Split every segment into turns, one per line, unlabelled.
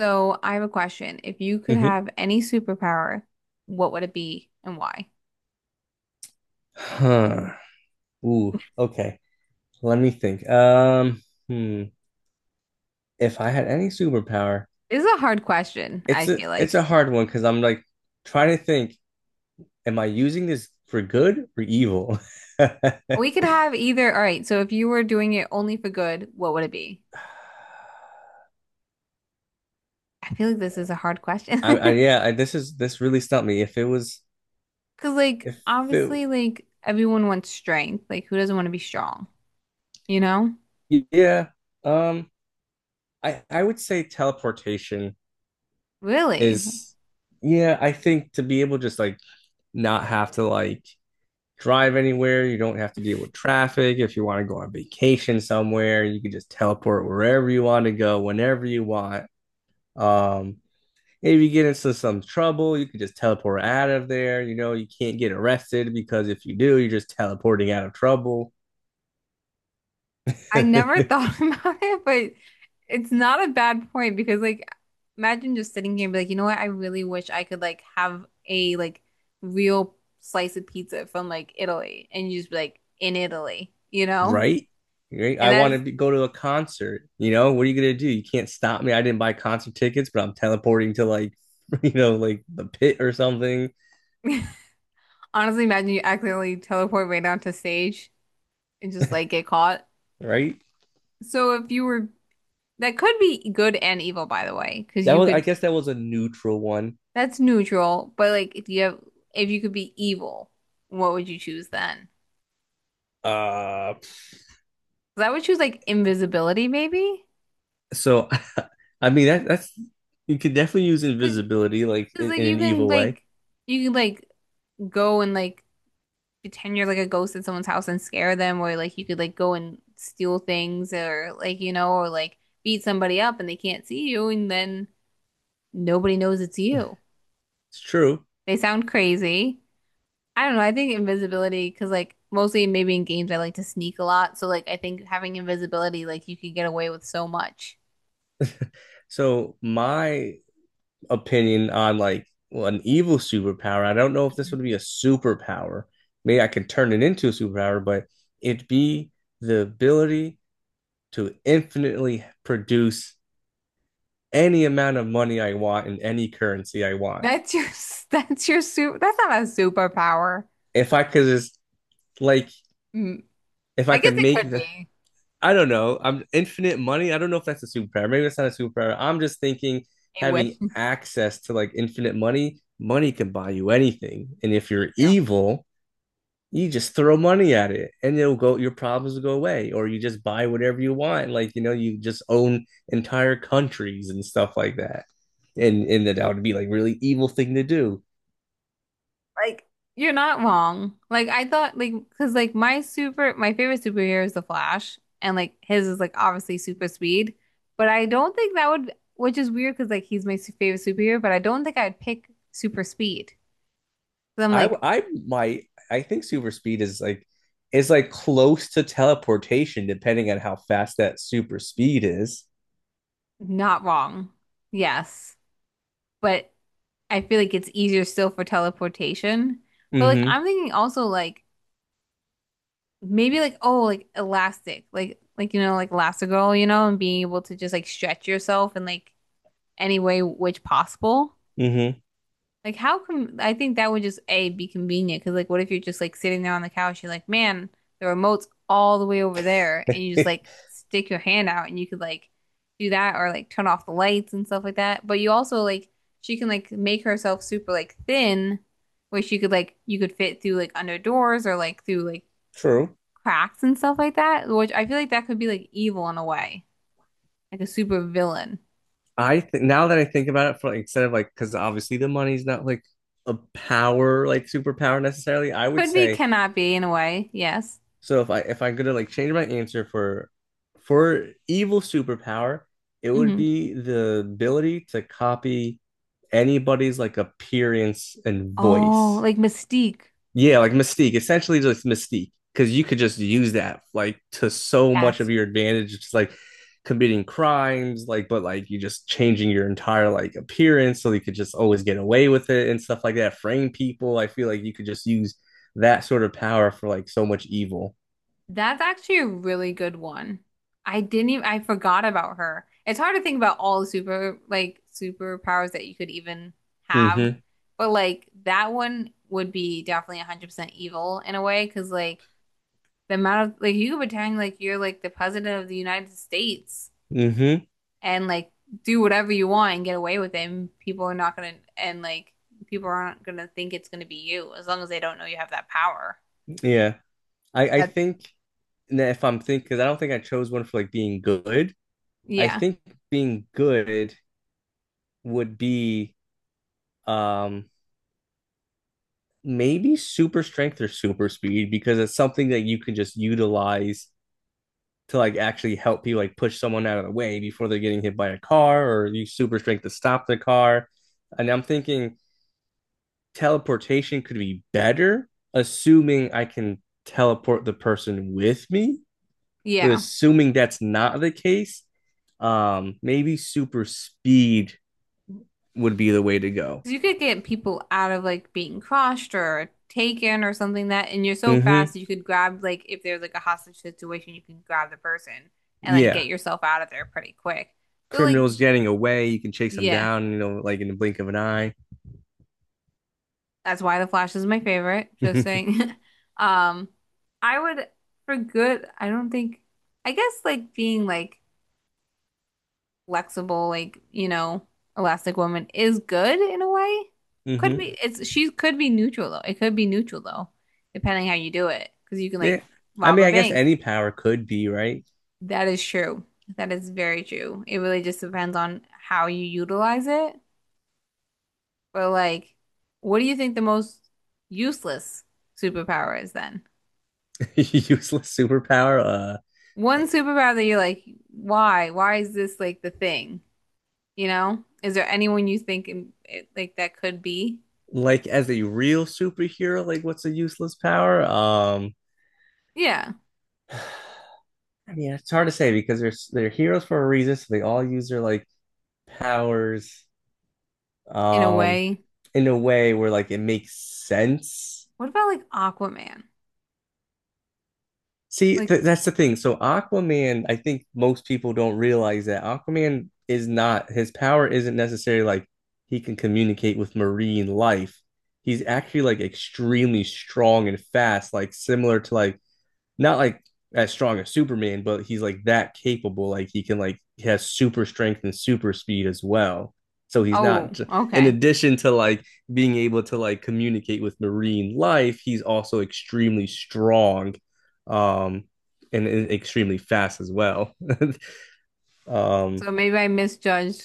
So I have a question. If you could
hmm
have any superpower, what would it be and why?
Huh. Ooh, okay. Let me think. Hmm. If I had any superpower,
This is a hard question, I
it's a
feel
it's
like.
a hard one because I'm like trying to think, am I using this for good or evil? I,
We could have either. All right, so if you were doing it only for good, what would it be? I feel like this is a hard question.
I yeah, this is this really stumped me. If it was
Because, like,
if it
obviously, like, everyone wants strength. Like, who doesn't want to be strong? You know?
yeah, um, I would say teleportation
Really?
is yeah, I think to be able to just like not have to like drive anywhere. You don't have to deal with traffic. If you want to go on vacation somewhere, you can just teleport wherever you want to go, whenever you want. Um, if you get into some trouble, you can just teleport out of there. You know, you can't get arrested because if you do, you're just teleporting out of trouble.
I never thought about it, but it's not a bad point because like imagine just sitting here and be like, you know what? I really wish I could like have a like real slice of pizza from like Italy and you just be like in Italy, you know?
Right? Right?
And
I want to
that's
be, go to a concert. You know, what are you gonna do? You can't stop me. I didn't buy concert tickets, but I'm teleporting to like, you know, like the pit or something,
honestly imagine you accidentally teleport right down to stage and just like get caught.
right?
So if you were that could be good and evil by the way, because
That
you
was, I
could
guess, that was a neutral one.
that's neutral, but like if you could be evil, what would you choose then?
Uh,
'Cause I would choose like invisibility maybe.
so I mean that's you could definitely use
Cause,
invisibility like
'cause, like
in
you
an
can
evil way.
like you can like go and like pretend you're like a ghost at someone's house and scare them or like you could like go and steal things or like beat somebody up and they can't see you and then nobody knows it's you.
It's true.
They sound crazy. I don't know. I think invisibility because like mostly maybe in games I like to sneak a lot. So like I think having invisibility like you could get away with so much.
So my opinion on like well, an evil superpower, I don't know if this
Mhm.
would be a superpower. Maybe I could turn it into a superpower, but it'd be the ability to infinitely produce any amount of money I want in any currency I want.
That's your that's not a superpower.
If I could just like
Mm,
if I
I guess
could
it
make
could
the
be
I don't know. I'm infinite money. I don't know if that's a superpower. Maybe that's not a superpower. I'm just thinking
a wish.
having access to like infinite money, money can buy you anything. And if you're
Yeah,
evil, you just throw money at it and it'll go, your problems will go away. Or you just buy whatever you want. Like, you know, you just own entire countries and stuff like that. And that would be like really evil thing to do.
like you're not wrong. Like I thought, like because like my favorite superhero is the Flash, and like his is like obviously super speed. But I don't think that would, which is weird because like he's my favorite superhero, but I don't think I'd pick super speed. So I'm
I
like
I might I think super speed is like close to teleportation, depending on how fast that super speed is.
not wrong. Yes, but I feel like it's easier still for teleportation. But like
Mm-hmm.
I'm thinking also like maybe like oh like elastic like like Elastigirl and being able to just like stretch yourself in like any way which possible like how come I think that would just A be convenient because like what if you're just like sitting there on the couch you're like man the remote's all the way over there and you just like
Mm-hmm.
stick your hand out and you could like do that or like turn off the lights and stuff like that but you also like she can like make herself super like thin where she could like you could fit through like under doors or like through like
True.
cracks and stuff like that, which I feel like that could be like evil in a way, like a super villain.
I think now that I think about it, for like, instead of like, because obviously the money's not like a power, like superpower necessarily. I would
Could be,
say
cannot be in a way. Yes.
so. If I'm gonna like change my answer for evil superpower, it would
Hmm.
be the ability to copy anybody's like appearance and
Oh,
voice.
like Mystique.
Yeah, like Mystique, essentially just Mystique, because you could just use that like to so much
That's
of your advantage. It's like committing crimes, like but like you just changing your entire like appearance so you could just always get away with it and stuff like that. Frame people, I feel like you could just use that sort of power for like so much evil.
that's actually a really good one. I didn't even I forgot about her. It's hard to think about all the superpowers that you could even have,
Mm-hmm.
but like that one would be definitely 100% evil in a way because like the amount of like you could pretend like you're like the president of the United States
Mm-hmm.
and like do whatever you want and get away with it and people aren't gonna think it's gonna be you as long as they don't know you have that power.
Yeah, I
That
think that if I'm thinking, because I don't think I chose one for like being good. I
yeah.
think being good would be um maybe super strength or super speed because it's something that you can just utilize to like actually help you like push someone out of the way before they're getting hit by a car or use super strength to stop the car. And I'm thinking teleportation could be better, assuming I can teleport the person with me. But
Yeah.
assuming that's not the case, maybe super speed would be the way to go.
'Cause you could get people out of like being crushed or taken or something that and you're so fast
Mm-hmm.
that you could grab like if there's like a hostage situation you can grab the person and like get
Yeah.
yourself out of there pretty quick. So like
Criminals getting away, you can chase them
yeah.
down, you know, like in the blink of an eye.
That's why The Flash is my favorite. Just saying. Um, I would for good, I don't think I guess like being like flexible, like, Elastic Woman is good in a way. Could
Mm-hmm. hmm
be it's she could be neutral though. It could be neutral though, depending how you do it. Because you can
Yeah.
like
I
rob
mean,
a
I guess
bank.
any power could be, right?
That is true. That is very true. It really just depends on how you utilize it. But like, what do you think the most useless superpower is then?
Useless superpower. Uh,
One superpower that you're like, why? Why is this like the thing? You know? Is there anyone you think in, it, like that could be?
like as a real superhero, like what's a useless power?
Yeah,
I mean, it's hard to say because they're heroes for a reason, so they all use their like powers,
in a
um,
way.
in a way where like it makes sense.
What about like Aquaman?
See, th
Like,
that's the thing. So Aquaman, I think most people don't realize that Aquaman is not his power isn't necessarily like he can communicate with marine life. He's actually like extremely strong and fast, like similar to like not like as strong as Superman, but he's like that capable. Like he can like he has super strength and super speed as well. So he's
oh,
not in
okay.
addition to like being able to like communicate with marine life, he's also extremely strong um and extremely fast as well. um
So maybe I misjudged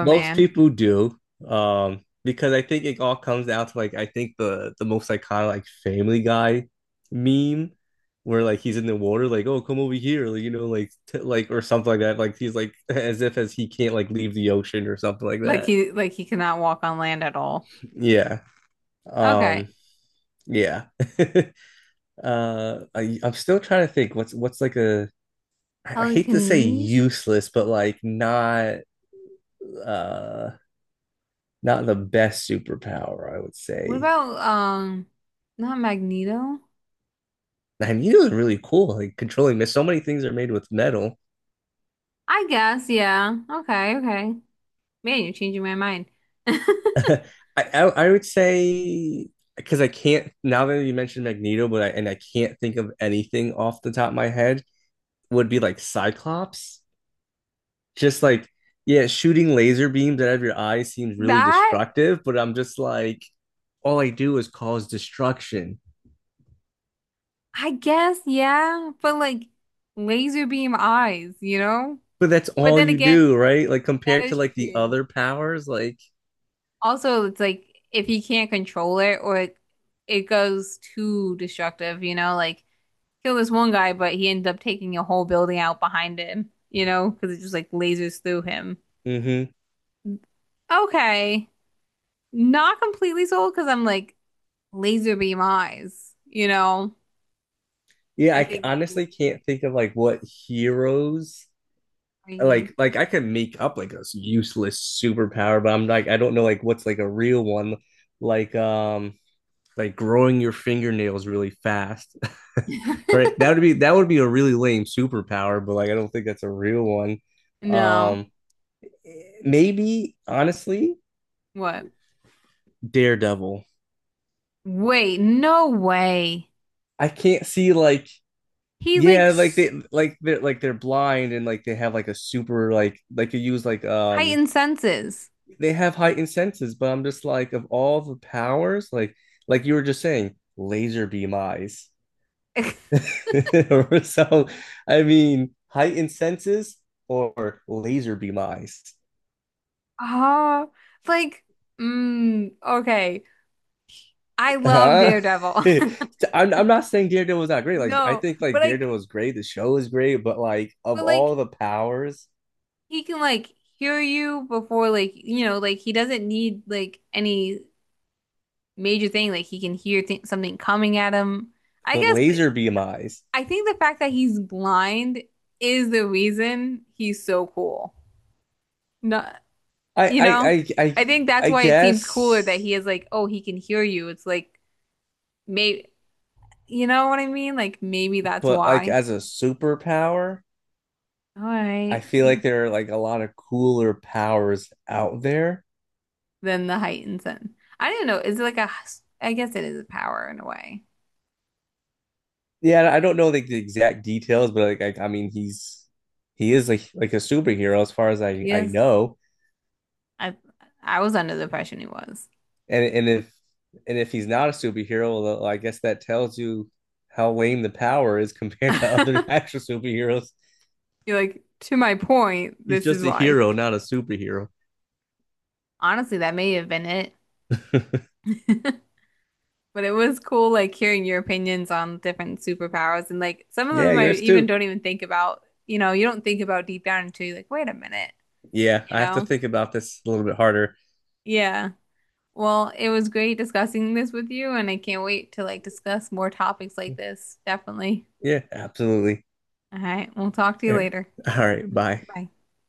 most people do, because I think it all comes down to like I think the most iconic like Family Guy meme where like he's in the water like oh come over here like, you know like t like or something like that like he's like as if as he can't like leave the ocean or something like
Like
that.
he like he cannot walk on land at all.
Yeah.
Okay.
Um yeah. I'm still trying to think what's like a I hate to say
Telekinesis?
useless but like not uh not the best superpower I would
What
say.
about not Magneto?
I needle is really cool. Like controlling mist. So many things are made with metal.
I guess, yeah. Okay, okay. Man, you're changing my mind.
I, I would say because I can't now that you mentioned Magneto, but I and I can't think of anything off the top of my head would be like Cyclops. Just like yeah, shooting laser beams out of your eyes seems really
That
destructive, but I'm just like all I do is cause destruction.
I guess, yeah, but like laser beam eyes, you know?
But that's
But
all
then
you
again,
do, right? Like
that
compared to
is
like the
true.
other powers, like
Also, it's like if he can't control it goes too destructive, you know, like kill this one guy, but he ended up taking a whole building out behind him, you know, because it just like lasers through him.
mm-hmm.
Okay. Not completely sold because I'm like laser beam eyes, you know?
Yeah,
I
I
think it's
honestly can't think of like what heroes
I use.
like I can make up like a useless superpower, but I'm like I don't know like what's like a real one, like um like growing your fingernails really fast, right? That would be a really lame superpower, but like I don't think that's a real one.
No.
Um, Maybe honestly,
What?
Daredevil.
Wait, no way.
I can't see like
He like
yeah like
s-
they like they're blind and like they have like a super like you use like
Heightened senses.
they have heightened senses, but I'm just like of all the powers, like you were just saying, laser beam eyes. So I mean, heightened senses or laser beam eyes.
Oh, like, okay. I love
Huh?
Daredevil.
I'm not saying Daredevil was not great. Like I
No,
think
but
like Daredevil
like,
was great, the show is great, but like of
but like,
all the powers,
he can like hear you before, like, like he doesn't need like any major thing. Like he can hear th something coming at him. I
but
guess, but
laser beam eyes.
I think the fact that he's blind is the reason he's so cool. No.
I
You
I
know,
I I,
I think that's
I
why it seems cooler that
guess,
he is like, oh, he can hear you. It's like, maybe, you know what I mean? Like, maybe that's
but like
why.
as a superpower,
All
I
right.
feel like there are like a lot of cooler powers out there.
Then the heightened sense. I don't know. Is it like a, I guess it is a power in a way.
Yeah, I don't know like the exact details, but like I mean, he's he is like a superhero as far as I
Yes.
know.
I, I was under the impression he was.
And and if and if he's not a superhero, well, well, I guess that tells you how lame the power is compared to other actual superheroes.
You're like, to my point,
He's
this is
just a
why.
hero, not a superhero.
Honestly, that may have been it. But it was cool like hearing your opinions on different superpowers and like some of
Yeah,
them I
you're
even
astute.
don't even think about, you know, you don't think about deep down until you're like, wait a minute,
Yeah,
you
I have to
know?
think about this a little bit harder.
Yeah. Well, it was great discussing this with you and I can't wait to like discuss more topics like this. Definitely.
Yeah, absolutely.
All right. We'll talk to you
All
later.
right, bye.
Bye.